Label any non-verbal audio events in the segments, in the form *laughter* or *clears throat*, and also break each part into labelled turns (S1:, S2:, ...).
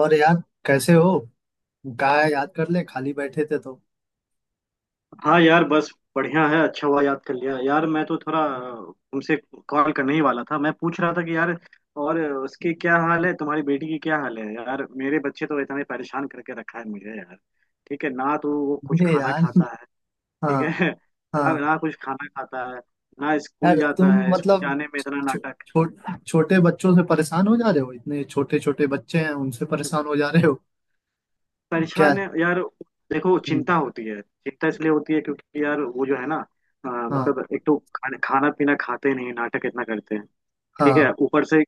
S1: और यार, कैसे हो? कहाँ याद कर ले, खाली बैठे थे तो?
S2: हाँ यार बस बढ़िया है। अच्छा हुआ याद कर लिया यार। मैं तो थोड़ा तुमसे कॉल करने ही वाला था। मैं पूछ रहा था कि यार और उसकी क्या हाल है, तुम्हारी बेटी की क्या हाल है? यार मेरे बच्चे तो इतने परेशान करके रखा है मुझे यार। ठीक है ना, तो वो कुछ
S1: ये
S2: खाना
S1: यार।
S2: खाता है
S1: हाँ।
S2: ठीक है *laughs* ना?
S1: हाँ
S2: ना कुछ खाना खाता है, ना
S1: यार,
S2: स्कूल जाता
S1: तुम
S2: है। स्कूल
S1: मतलब
S2: जाने में इतना
S1: छो,
S2: नाटक।
S1: छो, छोटे बच्चों से परेशान हो जा रहे हो? इतने छोटे छोटे बच्चे हैं, उनसे परेशान हो जा रहे हो? क्या?
S2: परेशान है यार। देखो
S1: हम्म,
S2: चिंता होती है, चिंता इसलिए होती है क्योंकि यार वो जो है ना,
S1: हाँ।
S2: मतलब एक तो खाना खाना पीना खाते नहीं, नाटक इतना करते हैं। ठीक है,
S1: हाँ
S2: ऊपर से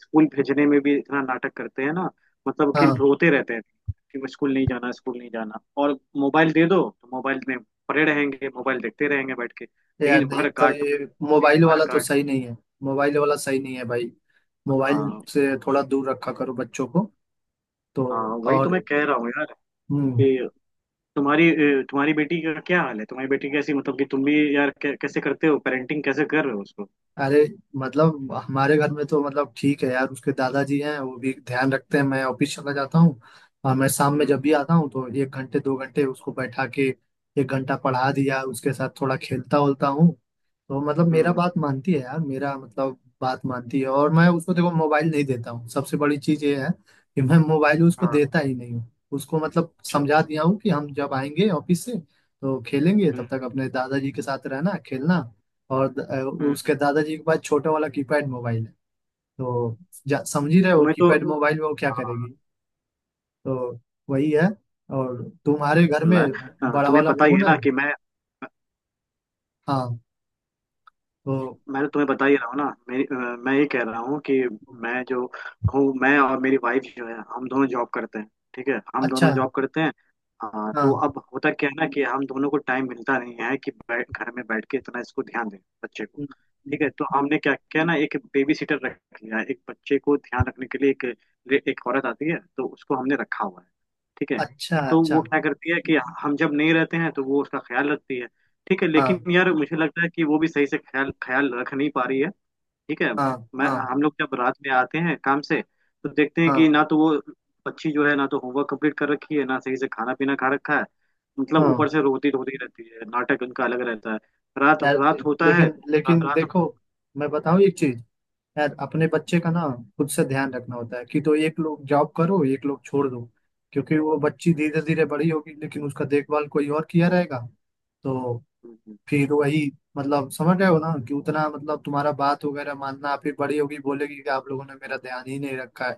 S2: स्कूल भेजने में भी इतना नाटक करते हैं ना। मतलब कि
S1: हाँ।
S2: रोते रहते हैं कि मैं स्कूल नहीं जाना, स्कूल नहीं जाना। और मोबाइल दे दो तो मोबाइल में पड़े रहेंगे, मोबाइल देखते रहेंगे बैठ के,
S1: यार
S2: लेकिन भर
S1: नहीं, तो
S2: कार्टून।
S1: ये
S2: लेकिन
S1: मोबाइल
S2: भर
S1: वाला तो
S2: कार्टून।
S1: सही नहीं है। मोबाइल वाला सही नहीं है भाई। मोबाइल
S2: हाँ।
S1: से थोड़ा दूर रखा करो बच्चों को। तो।
S2: हाँ वही तो
S1: और।
S2: मैं कह रहा हूँ यार।
S1: हम्म हम्म।
S2: कि तुम्हारी तुम्हारी बेटी का क्या हाल है? तुम्हारी बेटी कैसी? मतलब कि तुम भी यार कैसे करते हो पेरेंटिंग, कैसे कर रहे हो उसको?
S1: अरे मतलब, हमारे घर में तो मतलब ठीक है यार, उसके दादाजी हैं, वो भी ध्यान रखते हैं, मैं ऑफिस चला जाता हूँ। और मैं शाम में जब
S2: हम्म
S1: भी आता हूँ तो 1 घंटे 2 घंटे उसको बैठा के 1 घंटा पढ़ा दिया, उसके साथ थोड़ा खेलता उलता हूँ। तो मतलब मेरा
S2: हम्म
S1: बात मानती है यार, मेरा मतलब बात मानती है। और मैं उसको देखो मोबाइल नहीं देता हूँ, सबसे बड़ी चीज ये है कि मैं मोबाइल उसको
S2: हाँ,
S1: देता ही नहीं हूँ। उसको मतलब
S2: अच्छा
S1: समझा
S2: अच्छा।
S1: दिया हूँ कि हम जब आएंगे ऑफिस से तो खेलेंगे,
S2: हम्म
S1: तब तक अपने दादाजी के साथ रहना खेलना। और
S2: हम्म
S1: उसके दादाजी के पास छोटा वाला कीपैड मोबाइल है। तो समझ ही रहे हो,
S2: तुम्हें तो
S1: कीपैड मोबाइल में वो क्या
S2: हाँ,
S1: करेगी? तो वही है। और तुम्हारे घर में
S2: अल्लाह है।
S1: बड़ा
S2: तुम्हें
S1: वाला
S2: पता ही है
S1: फोन है?
S2: ना कि मैं
S1: हाँ। तो
S2: मैं तो तुम्हें बता ही रहा हूँ ना। मेरी मैं ये कह रहा हूँ कि मैं जो हूँ मैं और मेरी वाइफ जो है, हम दोनों जॉब करते हैं। ठीक है, हम
S1: अच्छा।
S2: दोनों जॉब करते हैं। हाँ, तो
S1: हाँ।
S2: अब होता क्या है ना कि हम दोनों को टाइम मिलता नहीं है कि बैठ घर में बैठ के इतना इसको ध्यान दें बच्चे को। ठीक है, तो हमने क्या किया ना, एक बेबी सिटर रख लिया है। एक बच्चे को ध्यान रखने के लिए एक एक औरत आती है, तो उसको हमने रखा हुआ है। ठीक है,
S1: अच्छा
S2: तो
S1: अच्छा।
S2: वो क्या करती है कि हम जब नहीं रहते हैं तो वो उसका ख्याल रखती है। ठीक है,
S1: हाँ
S2: लेकिन यार मुझे लगता है कि वो भी सही से ख्याल ख्याल रख नहीं पा रही है। ठीक है,
S1: हाँ।
S2: मैं
S1: हाँ
S2: हम लोग जब रात में आते हैं काम से, तो देखते हैं
S1: हाँ
S2: कि ना तो वो बच्ची जो है ना तो होमवर्क कंप्लीट कर रखी है, ना सही से खाना पीना खा रखा है। मतलब
S1: हाँ।
S2: ऊपर से रोती रोती रहती है, नाटक उनका अलग रहता है। रात
S1: यार
S2: रात होता है
S1: लेकिन
S2: तो
S1: लेकिन
S2: रात।
S1: देखो, मैं बताऊँ एक चीज। यार अपने बच्चे का ना खुद से ध्यान रखना होता है कि, तो एक लोग जॉब करो एक लोग छोड़ दो। क्योंकि वो बच्ची
S2: हम्म,
S1: धीरे धीरे बड़ी होगी, लेकिन उसका देखभाल कोई और किया रहेगा। तो
S2: हम्म, हम्म,
S1: फिर वही, मतलब समझ रहे हो ना कि उतना मतलब तुम्हारा बात वगैरह मानना, फिर बड़ी होगी बोलेगी कि आप लोगों ने मेरा ध्यान ही नहीं रखा है।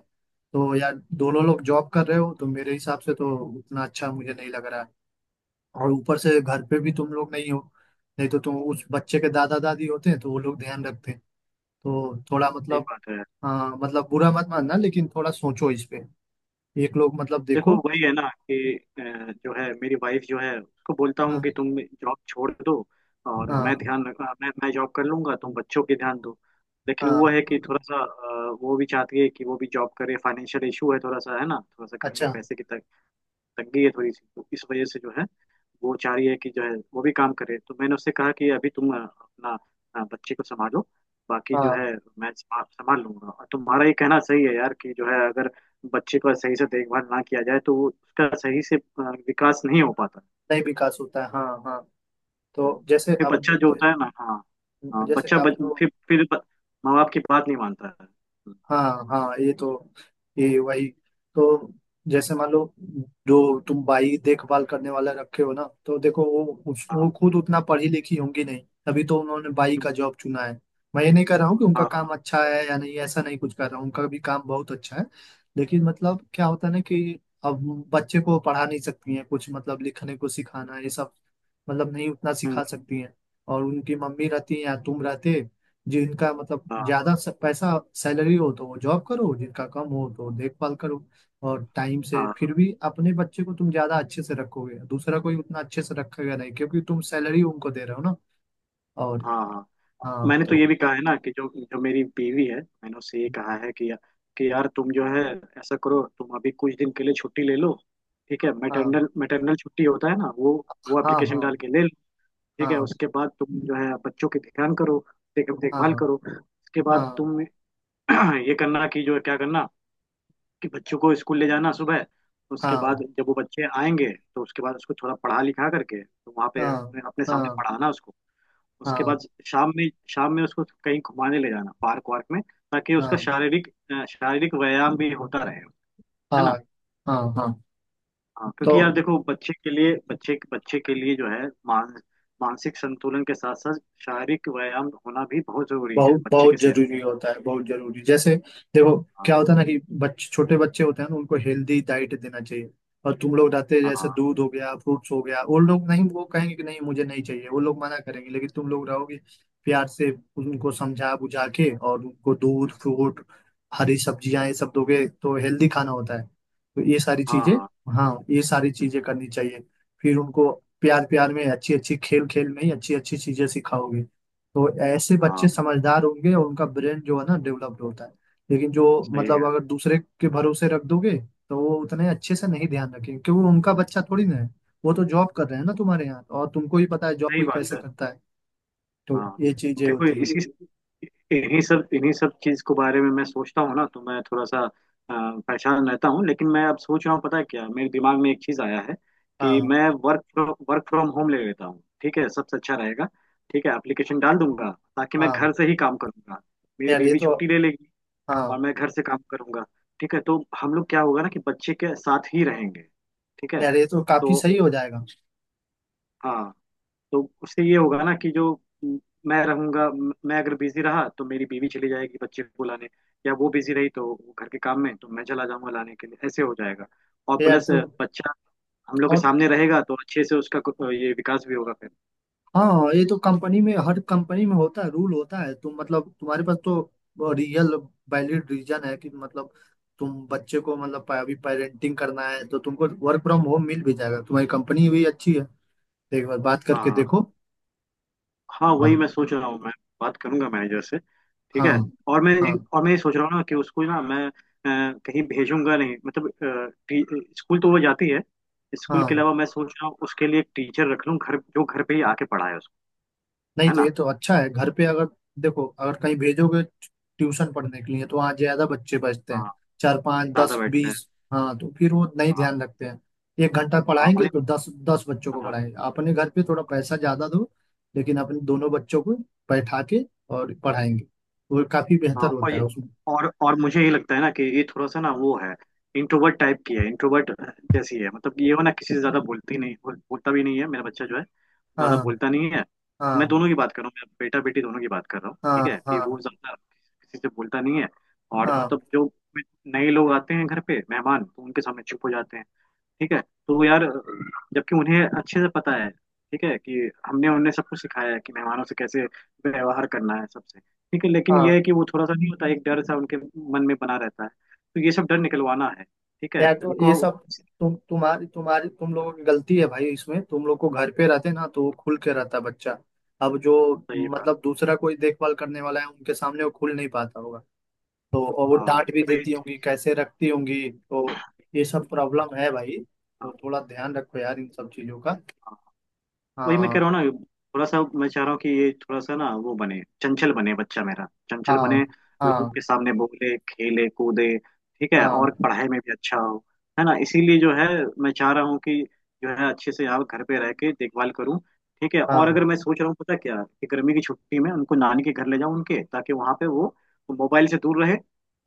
S1: तो यार, दोनों
S2: हम्म,
S1: लोग जॉब कर रहे हो तो मेरे हिसाब से तो उतना अच्छा मुझे नहीं लग रहा है। और ऊपर से घर पे भी तुम लोग नहीं हो। नहीं तो तुम उस बच्चे के दादा दादी होते हैं तो वो लोग ध्यान रखते हैं। तो थोड़ा
S2: सही
S1: मतलब,
S2: बात है।
S1: हाँ मतलब बुरा मत मानना, लेकिन थोड़ा सोचो इस पे। एक लोग मतलब
S2: देखो
S1: देखो।
S2: वही है ना कि जो है मेरी वाइफ जो है उसको बोलता हूँ
S1: हाँ
S2: कि तुम जॉब छोड़ दो, और मैं
S1: हाँ
S2: ध्यान रख, मैं जॉब कर लूंगा, तुम बच्चों पे ध्यान दो। लेकिन वो
S1: हाँ।
S2: है कि थोड़ा सा वो भी चाहती है कि वो भी जॉब करे। फाइनेंशियल इशू है, थोड़ा सा है ना, थोड़ा सा घर में
S1: अच्छा।
S2: पैसे की तंगी है थोड़ी सी। तो इस वजह से जो है वो चाह रही है कि जो है वो भी काम करे। तो मैंने उससे कहा कि अभी तुम अपना बच्चे को संभालो, बाकी जो
S1: हाँ
S2: है मैं संभाल लूंगा। और तुम्हारा ये कहना सही है यार कि जो है, अगर बच्चे का सही से देखभाल ना किया जाए तो वो उसका सही से विकास नहीं हो पाता।
S1: नहीं, विकास होता है, हाँ हाँ।
S2: हाँ।
S1: तो जैसे
S2: फिर
S1: अब,
S2: बच्चा जो होता है ना, हाँ हाँ,
S1: जैसे
S2: बच्चा
S1: आप।
S2: बच, फिर ब- माँ बाप की बात नहीं मानता है।
S1: हाँ हाँ, ये तो, ये वही। तो जैसे मान लो, जो तुम बाई देखभाल करने वाला रखे हो ना, तो देखो वो
S2: हाँ
S1: वो खुद उतना पढ़ी लिखी होंगी नहीं। तभी तो उन्होंने बाई का जॉब चुना है। मैं ये नहीं कह रहा हूँ कि उनका काम
S2: हाँ
S1: अच्छा है या नहीं, ऐसा नहीं कुछ कर रहा हूँ, उनका भी काम बहुत अच्छा है। लेकिन मतलब क्या होता है ना कि अब बच्चे को पढ़ा नहीं सकती हैं कुछ, मतलब लिखने को सिखाना ये सब, मतलब नहीं उतना
S2: हाँ,
S1: सिखा सकती हैं। और उनकी मम्मी रहती हैं या तुम रहते, जिनका मतलब
S2: हाँ
S1: ज्यादा पैसा सैलरी हो तो वो जॉब करो, जिनका कम हो तो देखभाल करो। और टाइम से
S2: हाँ
S1: फिर भी अपने बच्चे को तुम ज्यादा अच्छे से रखोगे, दूसरा कोई उतना अच्छे से रखेगा नहीं, क्योंकि तुम सैलरी उनको दे रहे हो ना। और।
S2: हाँ हाँ।
S1: हाँ
S2: मैंने तो
S1: तो।
S2: ये भी कहा है ना कि जो जो मेरी बीवी है, मैंने उससे ये कहा है कि यार तुम जो है ऐसा करो, तुम अभी कुछ दिन के लिए छुट्टी ले लो। ठीक है,
S1: हाँ
S2: मैटरनल मैटरनल छुट्टी होता है ना वो
S1: हाँ हाँ
S2: एप्लीकेशन डाल के ले लो। ठीक है,
S1: हाँ
S2: उसके बाद तुम जो है बच्चों की ध्यान करो, देखभाल
S1: हाँ
S2: करो। उसके बाद
S1: हाँ
S2: तुम *clears throat* ये करना कि जो है, क्या करना कि बच्चों को स्कूल ले जाना सुबह। उसके
S1: हाँ
S2: बाद जब वो बच्चे आएंगे तो उसके बाद उसको थोड़ा पढ़ा लिखा करके तो वहाँ पे
S1: हाँ
S2: अपने अपने
S1: हाँ
S2: सामने
S1: हाँ
S2: पढ़ाना उसको। उसके
S1: हाँ
S2: बाद शाम में उसको कहीं घुमाने ले जाना, पार्क वार्क में, ताकि उसका
S1: हाँ
S2: शारीरिक शारीरिक व्यायाम भी होता रहे। है ना।
S1: हाँ हाँ हाँ,
S2: हाँ
S1: तो
S2: क्योंकि यार देखो बच्चे के लिए, बच्चे बच्चे के लिए जो है मानसिक संतुलन के साथ साथ शारीरिक व्यायाम होना भी बहुत जरूरी है
S1: बहुत
S2: बच्चे के
S1: बहुत
S2: सेहत के
S1: जरूरी होता है, बहुत जरूरी। जैसे देखो
S2: लिए। हाँ
S1: क्या होता है ना कि बच्चे, छोटे बच्चे होते हैं ना, उनको हेल्दी डाइट देना चाहिए। और तुम लोग रहते हैं, जैसे
S2: हाँ
S1: दूध हो गया फ्रूट्स हो गया, वो लोग नहीं, वो कहेंगे कि नहीं मुझे नहीं चाहिए, वो लोग मना करेंगे, लेकिन तुम लोग रहोगे प्यार से उनको समझा बुझा के, और उनको दूध फ्रूट हरी सब्जियां ये सब दोगे तो हेल्दी खाना होता है। तो ये सारी
S2: हाँ, हाँ
S1: चीजें,
S2: हाँ,
S1: हाँ ये सारी चीजें करनी चाहिए। फिर उनको प्यार प्यार में अच्छी अच्छी, खेल खेल में ही अच्छी अच्छी चीजें सिखाओगे तो ऐसे
S2: हाँ,
S1: बच्चे समझदार होंगे और उनका ब्रेन जो है ना डेवलप्ड होता है। लेकिन जो
S2: सही कह
S1: मतलब
S2: रहे
S1: अगर दूसरे के भरोसे रख दोगे तो वो उतने अच्छे से नहीं ध्यान रखेंगे, क्योंकि उनका बच्चा थोड़ी ना है, वो तो जॉब कर रहे हैं ना तुम्हारे यहाँ, और तुमको ही पता है जॉब
S2: हो। सही
S1: कोई
S2: बात
S1: कैसे
S2: है।
S1: करता है। तो
S2: हाँ
S1: ये चीजें
S2: देखो
S1: होती
S2: इसी
S1: हैं।
S2: इन्हीं सब, इन्हीं सब चीज के बारे में मैं सोचता हूँ ना तो मैं थोड़ा सा परेशान रहता हूँ। लेकिन मैं अब सोच रहा हूँ, पता है क्या, मेरे दिमाग में एक चीज आया है कि
S1: हाँ
S2: मैं वर्क वर्क फ्रॉम होम ले लेता हूँ। ठीक है, सबसे अच्छा रहेगा। ठीक है, एप्लीकेशन डाल दूंगा ताकि मैं
S1: हाँ।
S2: घर से ही काम करूंगा। मेरी
S1: यार ये
S2: बीवी
S1: तो,
S2: छुट्टी ले लेगी
S1: हाँ
S2: और मैं घर से काम करूंगा। ठीक है, तो हम लोग क्या होगा ना कि बच्चे के साथ ही रहेंगे। ठीक है
S1: यार, ये तो काफी
S2: तो,
S1: सही हो जाएगा।
S2: हाँ तो उससे ये होगा ना कि म, मैं रहूंगा, मैं अगर बिजी रहा तो मेरी बीवी चली जाएगी बच्चे को लाने, या वो बिजी रही तो घर के काम में तो मैं चला जाऊंगा लाने के लिए, ऐसे हो जाएगा। और
S1: यार
S2: प्लस
S1: तो।
S2: बच्चा हम लोग के
S1: और
S2: सामने रहेगा तो अच्छे से उसका ये विकास भी होगा फिर।
S1: हाँ, ये तो कंपनी में, हर कंपनी में होता है, रूल होता है, तुम मतलब तुम्हारे पास तो रियल वैलिड रीजन है कि मतलब, तुम बच्चे को मतलब अभी पेरेंटिंग करना है तो तुमको वर्क फ्रॉम होम मिल भी जाएगा, तुम्हारी कंपनी भी अच्छी है, एक बार बात करके
S2: हाँ
S1: देखो।
S2: हाँ वही
S1: और
S2: मैं सोच रहा हूँ, मैं बात करूंगा मैनेजर से। ठीक
S1: हाँ
S2: है, और मैं,
S1: हाँ
S2: और मैं ये सोच रहा हूँ ना कि उसको ना मैं कहीं भेजूंगा नहीं। मतलब स्कूल तो वो जाती है, स्कूल के
S1: हाँ।
S2: अलावा मैं सोच रहा हूँ उसके लिए एक टीचर रख लूँ घर, जो घर पे ही आके पढ़ाए।
S1: नहीं
S2: है
S1: तो
S2: ना।
S1: ये तो अच्छा है घर पे, अगर देखो, अगर कहीं भेजोगे ट्यूशन पढ़ने के लिए तो वहाँ ज्यादा बच्चे बचते
S2: हाँ
S1: हैं, चार पाँच 10
S2: ज्यादा बैठते हैं।
S1: 20। हाँ, तो फिर वो नहीं
S2: हाँ
S1: ध्यान रखते हैं। 1 घंटा
S2: हाँ और
S1: पढ़ाएंगे
S2: ये,
S1: तो दस दस बच्चों को
S2: हाँ
S1: पढ़ाएंगे, अपने घर पे थोड़ा पैसा ज्यादा दो लेकिन अपने दोनों बच्चों को बैठा के और पढ़ाएंगे, वो काफी बेहतर
S2: हाँ और
S1: होता है
S2: ये,
S1: उसमें।
S2: और मुझे ये लगता है ना कि ये थोड़ा सा ना वो है इंट्रोवर्ट टाइप की है, इंट्रोवर्ट जैसी है। मतलब ये वो ना किसी से ज्यादा बोलती नहीं, बोलता भी नहीं है मेरा बच्चा जो है, ज्यादा
S1: हाँ
S2: बोलता नहीं है। मैं
S1: हाँ
S2: दोनों की बात कर रहा हूँ, मेरा बेटा बेटी दोनों की बात कर रहा हूँ। ठीक है,
S1: हाँ
S2: कि
S1: हाँ
S2: वो ज्यादा किसी से बोलता नहीं है। और
S1: हाँ
S2: मतलब जो नए लोग आते हैं घर पे मेहमान, तो उनके सामने चुप हो जाते हैं। ठीक है, तो यार जबकि उन्हें अच्छे से पता है ठीक है कि हमने उन्हें सब कुछ सिखाया है कि मेहमानों से कैसे व्यवहार करना है सबसे। ठीक है, लेकिन यह
S1: हाँ।
S2: है कि वो थोड़ा सा नहीं होता, एक डर सा उनके मन में बना रहता है। तो ये सब डर निकलवाना है, ठीक है
S1: यार तो ये
S2: उनको।
S1: सब तुम्हारी तुम लोगों की गलती है भाई इसमें, तुम लोग को घर पे रहते ना तो वो खुल के रहता बच्चा। अब जो
S2: सही बात।
S1: मतलब दूसरा कोई देखभाल करने वाला है उनके सामने वो खुल नहीं पाता होगा। तो, और वो
S2: हाँ
S1: डांट भी
S2: वही-
S1: देती होंगी, कैसे रखती होंगी तो। ये सब प्रॉब्लम है भाई। तो
S2: हाँ
S1: थोड़ा ध्यान रखो यार, इन सब चीजों का।
S2: हाँ, वही मैं कह
S1: हाँ
S2: रहा हूँ ना। थोड़ा सा मैं चाह रहा हूँ कि ये थोड़ा सा ना वो बने, चंचल बने बच्चा मेरा, चंचल बने,
S1: हाँ
S2: लोगों
S1: हाँ
S2: के सामने बोले खेले कूदे, ठीक है, और
S1: हाँ
S2: पढ़ाई में भी अच्छा हो। है ना, इसीलिए जो है मैं चाह रहा हूँ कि जो है अच्छे से यहाँ घर पे रह के देखभाल करूँ। ठीक है, और
S1: हाँ
S2: अगर मैं सोच रहा हूँ, पता क्या, कि गर्मी की छुट्टी में उनको नानी के घर ले जाऊँ उनके, ताकि वहाँ पे वो मोबाइल से दूर रहे,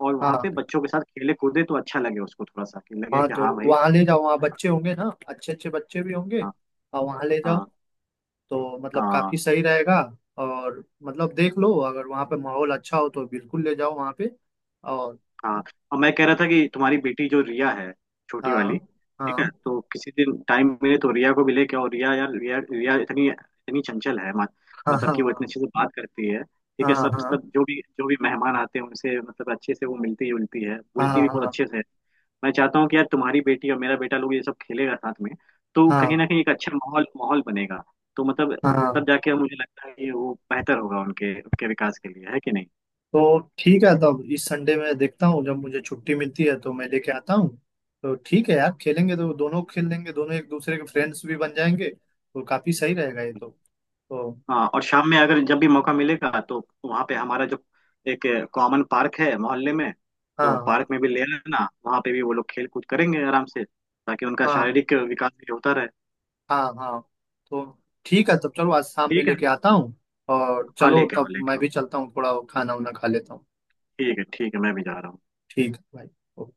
S2: और वहाँ पे
S1: हाँ
S2: बच्चों के साथ खेले कूदे तो अच्छा लगे उसको थोड़ा सा, कि लगे
S1: हाँ।
S2: कि
S1: तो
S2: हाँ भाई।
S1: वहाँ ले जाओ, वहाँ बच्चे होंगे ना, अच्छे अच्छे बच्चे भी होंगे।
S2: हाँ
S1: और वहाँ ले जाओ,
S2: हाँ,
S1: तो मतलब
S2: हाँ
S1: काफी सही रहेगा। और मतलब देख लो, अगर वहाँ पे माहौल अच्छा हो तो बिल्कुल ले जाओ वहाँ पे। और
S2: हाँ। और मैं कह रहा था कि तुम्हारी बेटी जो रिया है, छोटी वाली,
S1: हाँ
S2: ठीक है,
S1: हाँ
S2: तो किसी दिन टाइम मिले तो रिया को भी लेके आओ। रिया यार, रिया रिया इतनी इतनी चंचल है, मत,
S1: हाँ
S2: मतलब कि वो इतने
S1: हाँ
S2: अच्छे से बात करती है। ठीक
S1: हाँ
S2: है,
S1: हाँ
S2: सब
S1: हाँ
S2: सब जो भी मेहमान आते हैं उनसे मतलब अच्छे से वो मिलती जुलती है, बोलती भी बहुत
S1: हाँ
S2: अच्छे से है। मैं चाहता हूँ कि यार तुम्हारी बेटी और मेरा बेटा लोग ये सब खेलेगा साथ में, तो
S1: हाँ
S2: कहीं ना कहीं एक अच्छा माहौल माहौल बनेगा। तो मतलब
S1: हाँ,
S2: तब
S1: हाँ।
S2: जाके मुझे लगता है कि वो बेहतर होगा उनके, उनके विकास के लिए, है कि नहीं।
S1: तो ठीक है, तब इस संडे में देखता हूँ, जब मुझे छुट्टी मिलती है तो मैं लेके आता हूँ। तो ठीक है यार, खेलेंगे तो दोनों खेल लेंगे, दोनों एक दूसरे के फ्रेंड्स भी बन जाएंगे तो काफी सही रहेगा ये तो। तो।
S2: हाँ और शाम में अगर जब भी मौका मिलेगा तो वहाँ पे हमारा जो एक कॉमन पार्क है मोहल्ले में,
S1: हाँ
S2: तो पार्क
S1: हाँ
S2: में भी ले लेना, वहाँ पे भी वो लोग खेल कूद करेंगे आराम से, ताकि उनका
S1: हाँ
S2: शारीरिक विकास भी होता रहे।
S1: हाँ हाँ। तो ठीक है, तब चलो आज शाम में
S2: ठीक है,
S1: लेके आता हूँ। और
S2: हाँ
S1: चलो,
S2: लेके आओ
S1: तब
S2: लेके
S1: मैं
S2: आओ।
S1: भी चलता हूँ, थोड़ा खाना वाना खा लेता हूँ।
S2: ठीक है ठीक है, मैं भी जा रहा हूँ।
S1: ठीक है भाई।